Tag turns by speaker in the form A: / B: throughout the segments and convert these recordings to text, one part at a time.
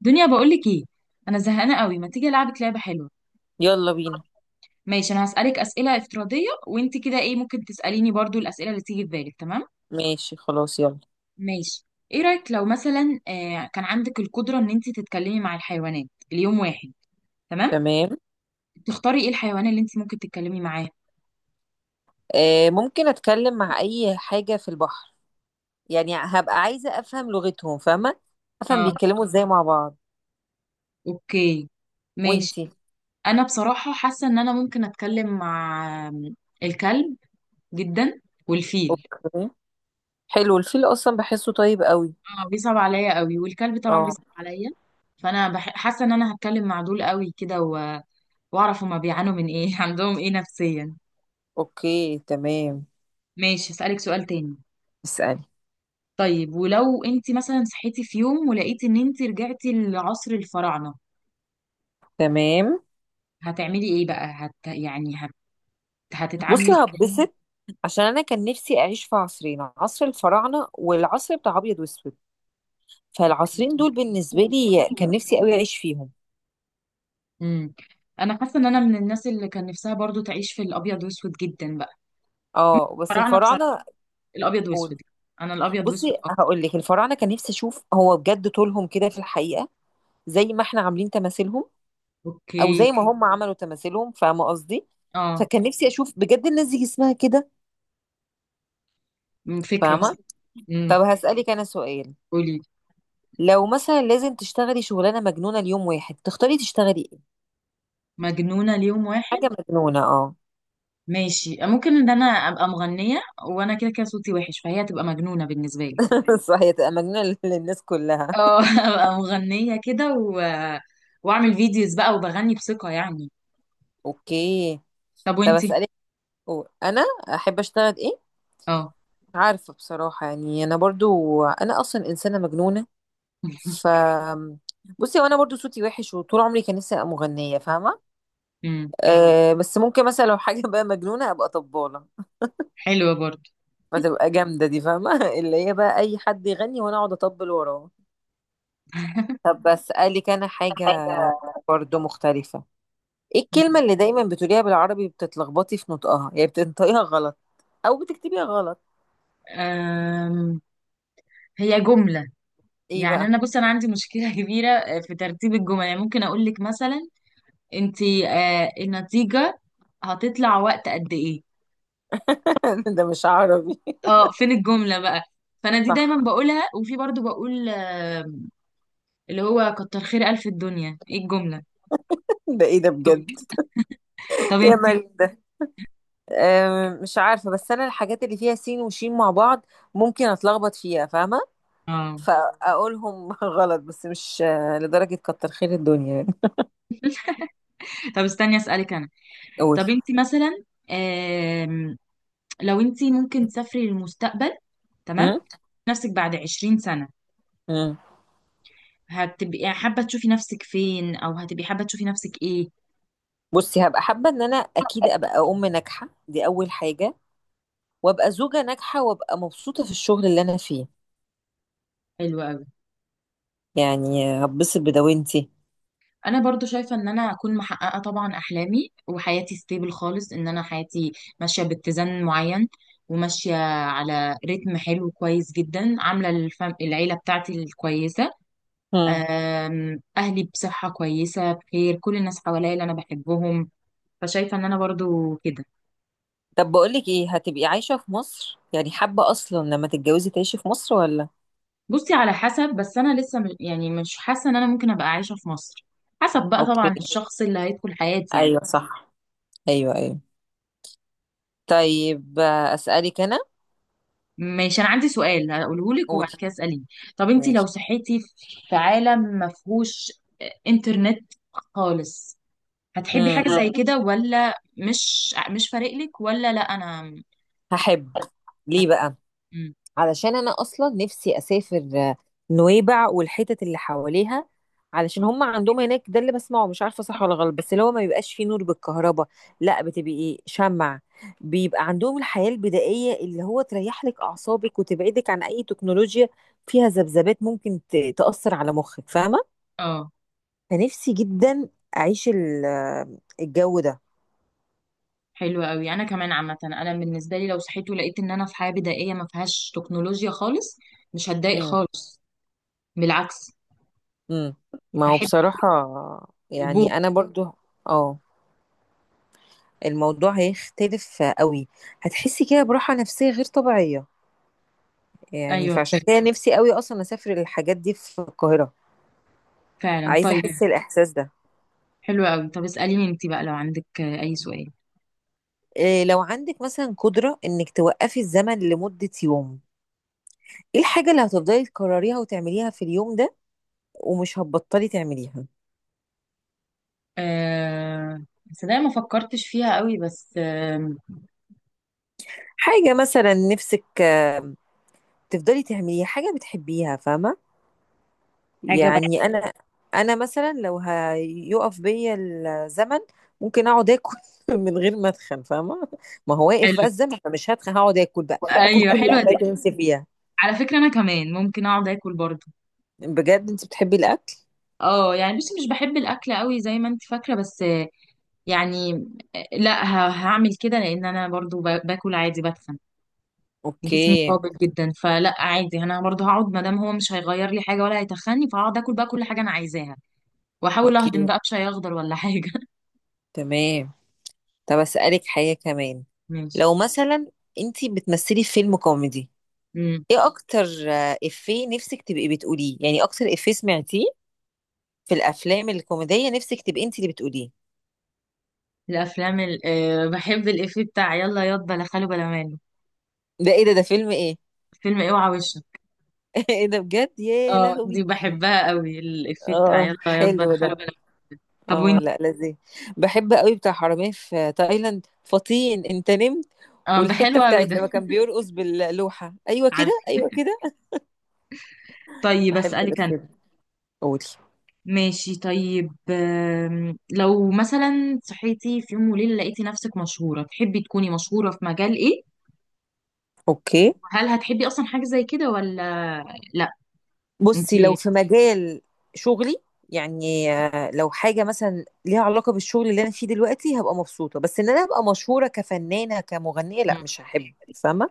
A: دنيا، بقولك ايه؟ انا زهقانه قوي، ما تيجي العبك لعبه حلوه؟
B: يلا بينا.
A: ماشي، انا هسالك اسئله افتراضيه، وانت كده ايه ممكن تساليني برضو الاسئله اللي تيجي في بالك، تمام؟
B: ماشي، خلاص، يلا.
A: ماشي. ايه رايك لو مثلا كان عندك القدره ان انت تتكلمي مع الحيوانات ليوم واحد؟ تمام.
B: تمام.
A: تختاري ايه الحيوان اللي انت ممكن تتكلمي معاه؟
B: ممكن اتكلم مع اي حاجة في البحر. يعني هبقى عايزة افهم لغتهم، فاهمة؟ افهم
A: اه،
B: بيتكلموا ازاي مع بعض.
A: اوكي، ماشي.
B: وانتي؟
A: انا بصراحه حاسه ان انا ممكن اتكلم مع الكلب جدا، والفيل.
B: اوكي. حلو، الفيل اصلا بحسه طيب قوي.
A: اه، بيصعب عليا قوي، والكلب طبعا
B: اه.
A: بيصعب عليا. فانا حاسه ان انا هتكلم مع دول قوي كده واعرف هما بيعانوا من ايه عندهم ايه نفسيا.
B: اوكي، تمام.
A: ماشي، اسالك سؤال تاني.
B: اسألي.
A: طيب، ولو انت مثلا صحيتي في يوم ولقيتي ان انت رجعتي لعصر الفراعنه.
B: تمام.
A: هتعملي ايه بقى؟ يعني هتتعاملي
B: بصي
A: ازاي؟
B: هتبسط، عشان انا كان نفسي اعيش في عصرين: عصر الفراعنة والعصر بتاع ابيض واسود.
A: أوكي.
B: فالعصرين دول بالنسبة لي كان نفسي قوي اعيش فيهم.
A: امم انا حاسه ان انا من الناس اللي كان نفسها برضو تعيش في الابيض واسود جدا بقى.
B: اه بس
A: الفراعنه بصراحه،
B: الفراعنة.
A: الابيض
B: قول.
A: واسود. انا الابيض واسود
B: بصي
A: اكتر.
B: هقول لك، الفراعنه كان نفسي اشوف هو بجد طولهم كده في الحقيقه، زي ما احنا عاملين تماثيلهم، او
A: اوكي.
B: زي ما هم عملوا تماثيلهم، فاهمه قصدي؟
A: اه،
B: فكان نفسي اشوف بجد الناس دي جسمها كده،
A: فكرة بس.
B: فاهمه؟
A: امم
B: طب هسالك انا سؤال.
A: قولي.
B: لو مثلا لازم تشتغلي شغلانه مجنونه ليوم واحد، تختاري تشتغلي ايه؟
A: مجنونة ليوم واحد؟
B: حاجه مجنونه، اه.
A: ماشي، ممكن ان انا ابقى مغنية. وانا كده كده صوتي وحش، فهي هتبقى مجنونة بالنسبة لي.
B: صحيح، تبقى مجنونه للناس كلها.
A: اه ابقى مغنية كده واعمل فيديوز بقى وبغني بثقة يعني.
B: اوكي.
A: طب،
B: طب
A: وانتي؟
B: اسالك، انا احب اشتغل ايه؟
A: اه
B: عارفه، بصراحه يعني انا برضو انا اصلا انسانه مجنونه. ف بصي، وانا برضو صوتي وحش وطول عمري كان نفسي ابقى مغنيه، فاهمه؟ مم.
A: امم
B: بس ممكن مثلا لو حاجه بقى مجنونه ابقى طباله.
A: حلوة برضه.
B: فتبقى جامده دي، فاهمه؟ اللي هي بقى اي حد يغني وانا اقعد اطبل وراه. طب بسالك انا حاجه
A: حاجة.
B: برضو مختلفه. ايه الكلمه اللي دايما بتقوليها بالعربي بتتلخبطي في نطقها، يعني بتنطقيها غلط او بتكتبيها غلط؟
A: أم... هي جملة.
B: ايه
A: يعني
B: بقى؟
A: انا بص، انا عندي مشكلة كبيرة في ترتيب الجمل، يعني ممكن اقول لك مثلا، انتي النتيجة هتطلع وقت قد ايه؟
B: ده مش عربي.
A: اه، فين الجملة بقى؟ فانا دي
B: صح.
A: دايما بقولها، وفي برضو بقول اللي هو كتر خير الف الدنيا، ايه الجملة؟
B: ده ايه ده بجد؟
A: طب،
B: يا
A: انتي؟
B: مريم. مش عارفة، بس أنا الحاجات اللي فيها سين وشين مع بعض ممكن أتلخبط فيها، فاهمة؟
A: اه.
B: فأقولهم غلط، بس مش لدرجة كتر خير الدنيا يعني.
A: طب، استني اسألك انا.
B: قول.
A: طب، انتي مثلا، آم، لو انتي ممكن تسافري للمستقبل، تمام،
B: أم؟
A: نفسك بعد 20 سنة،
B: أم.
A: هتبقي حابة تشوفي نفسك فين او هتبقي حابة تشوفي نفسك ايه؟
B: بصي هبقى حابة إن أنا أكيد أبقى أم ناجحة، دي أول حاجة، وأبقى زوجة ناجحة، وأبقى مبسوطة في الشغل اللي أنا فيه.
A: حلو قوي.
B: يعني هتبسط بدوامتي.
A: انا برضو شايفه ان انا اكون محققه طبعا احلامي، وحياتي ستيبل خالص، ان انا حياتي ماشيه باتزان معين، وماشيه على رتم حلو كويس جدا، عامله العيله بتاعتي الكويسه.
B: أم.
A: اهلي بصحه كويسه، بخير، كل الناس حواليا اللي انا بحبهم. فشايفه ان انا برضو كده.
B: طب بقولك إيه، هتبقي عايشة في مصر؟ يعني حابة أصلا لما تتجوزي تعيشي في مصر ولا؟
A: بصي، على حسب، بس انا لسه يعني مش حاسه ان انا ممكن ابقى عايشه في مصر. حسب بقى
B: أوكي.
A: طبعا الشخص اللي هيدخل حياتي يعني.
B: أيوة صح. أيوة، أيوة. طيب أسألك أنا.
A: ماشي، انا عندي سؤال هقوله لك وبعد
B: قولي.
A: كده اساليني. طب انت لو
B: ماشي.
A: صحيتي في عالم ما فيهوش انترنت خالص، هتحبي
B: مم.
A: حاجه زي كده ولا مش فارق لك، ولا لا انا
B: هحب. ليه
A: هت...
B: بقى؟
A: مم.
B: علشان أنا أصلا نفسي أسافر نويبع والحتت اللي حواليها. علشان هم عندهم هناك، ده اللي بسمعه، مش عارفة صح ولا غلط، بس اللي هو ما بيبقاش فيه نور بالكهرباء. لا، بتبقي إيه، شمع. بيبقى عندهم الحياة البدائية، اللي هو تريح لك أعصابك وتبعدك عن أي تكنولوجيا فيها ذبذبات ممكن تأثر على مخك، فاهمة؟
A: اه،
B: فنفسي جدا أعيش الجو ده.
A: حلو قوي. انا كمان، عامه، انا بالنسبه لي لو صحيت ولقيت ان انا في حياه بدائيه ما فيهاش تكنولوجيا خالص، مش هتضايق خالص. بالعكس.
B: امم. ما هو
A: هحب.
B: بصراحة،
A: البوم.
B: يعني أنا برضو. اه، الموضوع هيختلف قوي. هتحسي كده براحة نفسية غير طبيعية. يعني
A: ايوه
B: فعشان
A: بالظبط.
B: كده نفسي قوي أصلا أسافر الحاجات دي في القاهرة.
A: فعلا،
B: عايزة
A: طيب.
B: أحس الإحساس ده.
A: حلو قوي، طب اساليني انت بقى لو عندك اي سؤال.
B: إيه لو عندك مثلا قدرة إنك توقفي الزمن لمدة يوم، إيه الحاجة اللي هتفضلي تكرريها وتعمليها في اليوم ده ومش هتبطلي تعمليها؟
A: آه صدق ما فكرتش فيها قوي بس.
B: حاجة مثلا نفسك تفضلي تعمليها، حاجة بتحبيها، فاهمة؟
A: حاجة بقى.
B: يعني انا مثلا لو هيقف بيا الزمن ممكن اقعد اكل من غير ما اتخن، فاهمه؟ ما هو واقف
A: حلو.
B: بقى الزمن، فمش هتخن، هقعد اكل بقى، اكل
A: ايوه،
B: كل
A: حلوة دي.
B: الاكلات اللي نفسي فيها.
A: على فكرة، انا كمان ممكن اقعد اكل برضه.
B: بجد انت بتحبي الاكل.
A: اه، يعني بس مش بحب الاكل قوي زي ما انت فاكرة، بس يعني لا هعمل كده لان انا برضه باكل عادي بتخن. جسمي
B: اوكي.
A: قابل جدا، فلا عادي، انا برضه هقعد ما دام هو مش هيغير لي حاجة ولا هيتخني، فهقعد اكل بقى كل حاجة انا عايزاها. واحاول اهضم
B: اوكي،
A: بقى بشاي اخضر ولا حاجة
B: تمام. طب اسالك حاجه كمان.
A: ماشي.
B: لو مثلا انت بتمثلي في فيلم كوميدي، ايه اكتر افيه نفسك تبقي بتقوليه؟ يعني اكتر افيه سمعتيه في الافلام الكوميديه نفسك تبقي انت اللي بتقوليه.
A: الافلام ال... آه، بحب الافيه بتاع يلا ياض بلا خاله بلا ماله.
B: ده ايه ده فيلم ايه؟
A: فيلم اوعى وشك.
B: ايه ده بجد، يا
A: اه، دي
B: لهوي.
A: بحبها قوي، الافيه بتاع
B: اه،
A: يلا ياض بلا
B: حلو
A: خاله
B: ده.
A: بلا ماله. طب،
B: اه
A: وانت؟
B: لا، لذيذ. بحب قوي بتاع حرامية في تايلاند، فطين انت نمت.
A: اه، ده
B: والحتة
A: حلو قوي
B: بتاعت
A: ده.
B: لما كان بيرقص باللوحة، ايوه كده
A: عارف.
B: ايوه كده.
A: طيب،
B: بحب
A: اسالك
B: الافيه
A: انا.
B: ده. قولي.
A: ماشي، طيب، لو مثلا صحيتي في يوم وليله لقيتي نفسك مشهوره، تحبي تكوني مشهوره في مجال ايه؟
B: اوكي.
A: هل هتحبي اصلا حاجه زي كده ولا؟ لا.
B: بصي لو
A: انتي؟
B: في مجال شغلي، يعني لو حاجة مثلا ليها علاقة بالشغل اللي انا فيه دلوقتي هبقى مبسوطة، بس ان انا ابقى مشهورة كفنانة كمغنية لا
A: مم،
B: مش هحب، فاهمة؟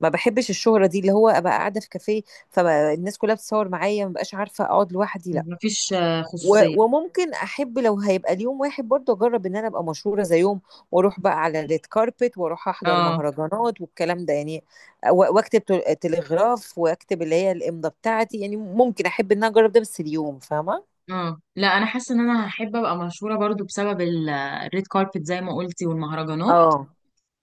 B: ما بحبش الشهرة دي اللي هو ابقى قاعدة في كافيه فالناس كلها بتصور معايا ما بقاش عارفة اقعد لوحدي، لا.
A: مفيش خصوصيه.
B: وممكن احب لو هيبقى ليوم واحد برضه اجرب ان انا ابقى مشهورة زي يوم، واروح بقى على الريد كاربت واروح احضر
A: اه.
B: مهرجانات والكلام ده يعني. واكتب تلغراف واكتب اللي هي الامضة بتاعتي، يعني ممكن احب ان انا اجرب ده بس اليوم، فاهمة؟
A: اه، لا انا حاسه ان انا هحب ابقى مشهوره برضو بسبب الريد كاربت زي ما قلتي والمهرجانات.
B: اه.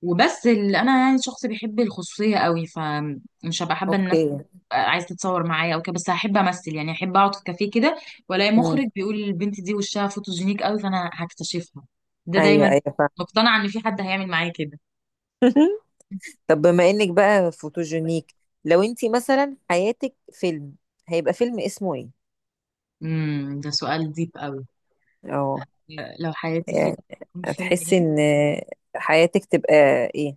A: وبس، اللي انا يعني شخص بيحب الخصوصيه قوي، فمش هبقى حابه
B: اوكي.
A: الناس عايز تتصور معايا او كده، بس هحب امثل، يعني احب اقعد في كافيه كده، والاقي
B: امم.
A: مخرج بيقول البنت دي وشها فوتوجينيك قوي، فانا هكتشفها. ده
B: ايوه،
A: دايما
B: ايوه، فاهمة.
A: مقتنعه ان في حد هيعمل معايا كده.
B: طب بما انك بقى فوتوجينيك، لو انت مثلا حياتك فيلم هيبقى فيلم اسمه ايه؟
A: ده سؤال ديب قوي.
B: اه.
A: لو حياتي فيلم،
B: يعني
A: يكون فيلم
B: هتحسي ان
A: ايه؟
B: حياتك تبقى ايه.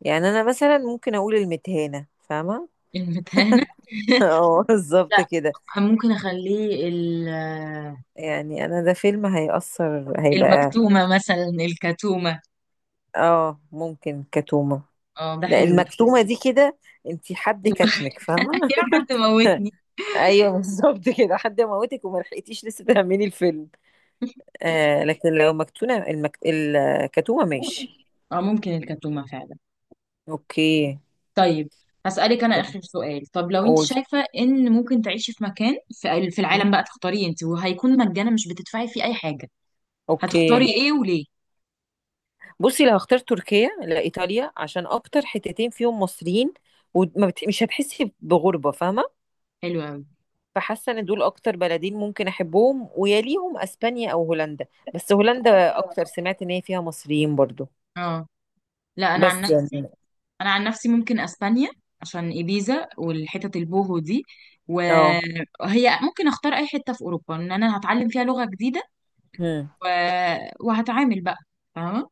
B: يعني انا مثلا ممكن اقول المتهانة، فاهمة؟
A: المتهانه
B: اه،
A: لا،
B: بالظبط كده.
A: ممكن اخليه
B: يعني انا ده فيلم هيأثر هيبقى.
A: المكتومة مثلا، الكتومة.
B: اه، ممكن كتومة.
A: اه، ده
B: لا،
A: حلو ده.
B: المكتومة دي كده انتي حد كتمك، فاهمة؟
A: يا حد موتني!
B: ايوه بالظبط كده، حد موتك وما لحقتيش لسه تكملي الفيلم. آه لكن لو مكتونة الكتومة، ماشي.
A: اه، ممكن الكتومة فعلا.
B: اوكي.
A: طيب. هسألك أنا آخر سؤال، طب لو أنت
B: قول.
A: شايفة إن ممكن تعيشي في مكان في العالم بقى تختاري أنت، وهيكون مجانا، مش بتدفعي فيه أي حاجة.
B: اوكي.
A: هتختاري إيه وليه؟
B: بصي لو هختار تركيا لايطاليا، عشان اكتر حتتين فيهم مصريين ومش هتحسي بغربه، فاهمه؟
A: حلو أوي.
B: فحاسه ان دول اكتر بلدين ممكن احبهم، ويليهم اسبانيا او هولندا. بس هولندا اكتر، سمعت ان هي فيها مصريين برضو.
A: اه، لا، أنا عن
B: بس يعني.
A: نفسي، أنا عن نفسي ممكن أسبانيا، عشان إيبيزا والحتت البوهو دي،
B: اه.
A: وهي ممكن أختار أي حتة في أوروبا، إن أنا هتعلم فيها لغة جديدة
B: امم.
A: و... وهتعامل بقى. فاهمة؟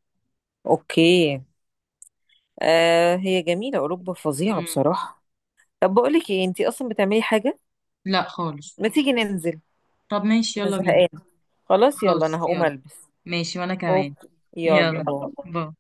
B: اوكي. آه، هي جميله اوروبا، فظيعه
A: مم.
B: بصراحه. طب بقول لك ايه، انتي اصلا بتعملي حاجه؟
A: لا خالص.
B: ما تيجي ننزل.
A: طب، ماشي،
B: انا
A: يلا بينا.
B: زهقانه، خلاص يلا، انا
A: خلاص،
B: هقوم
A: يلا.
B: البس.
A: ماشي، وانا كمان.
B: اوكي. يلا،
A: يلا،
B: باي.
A: باي.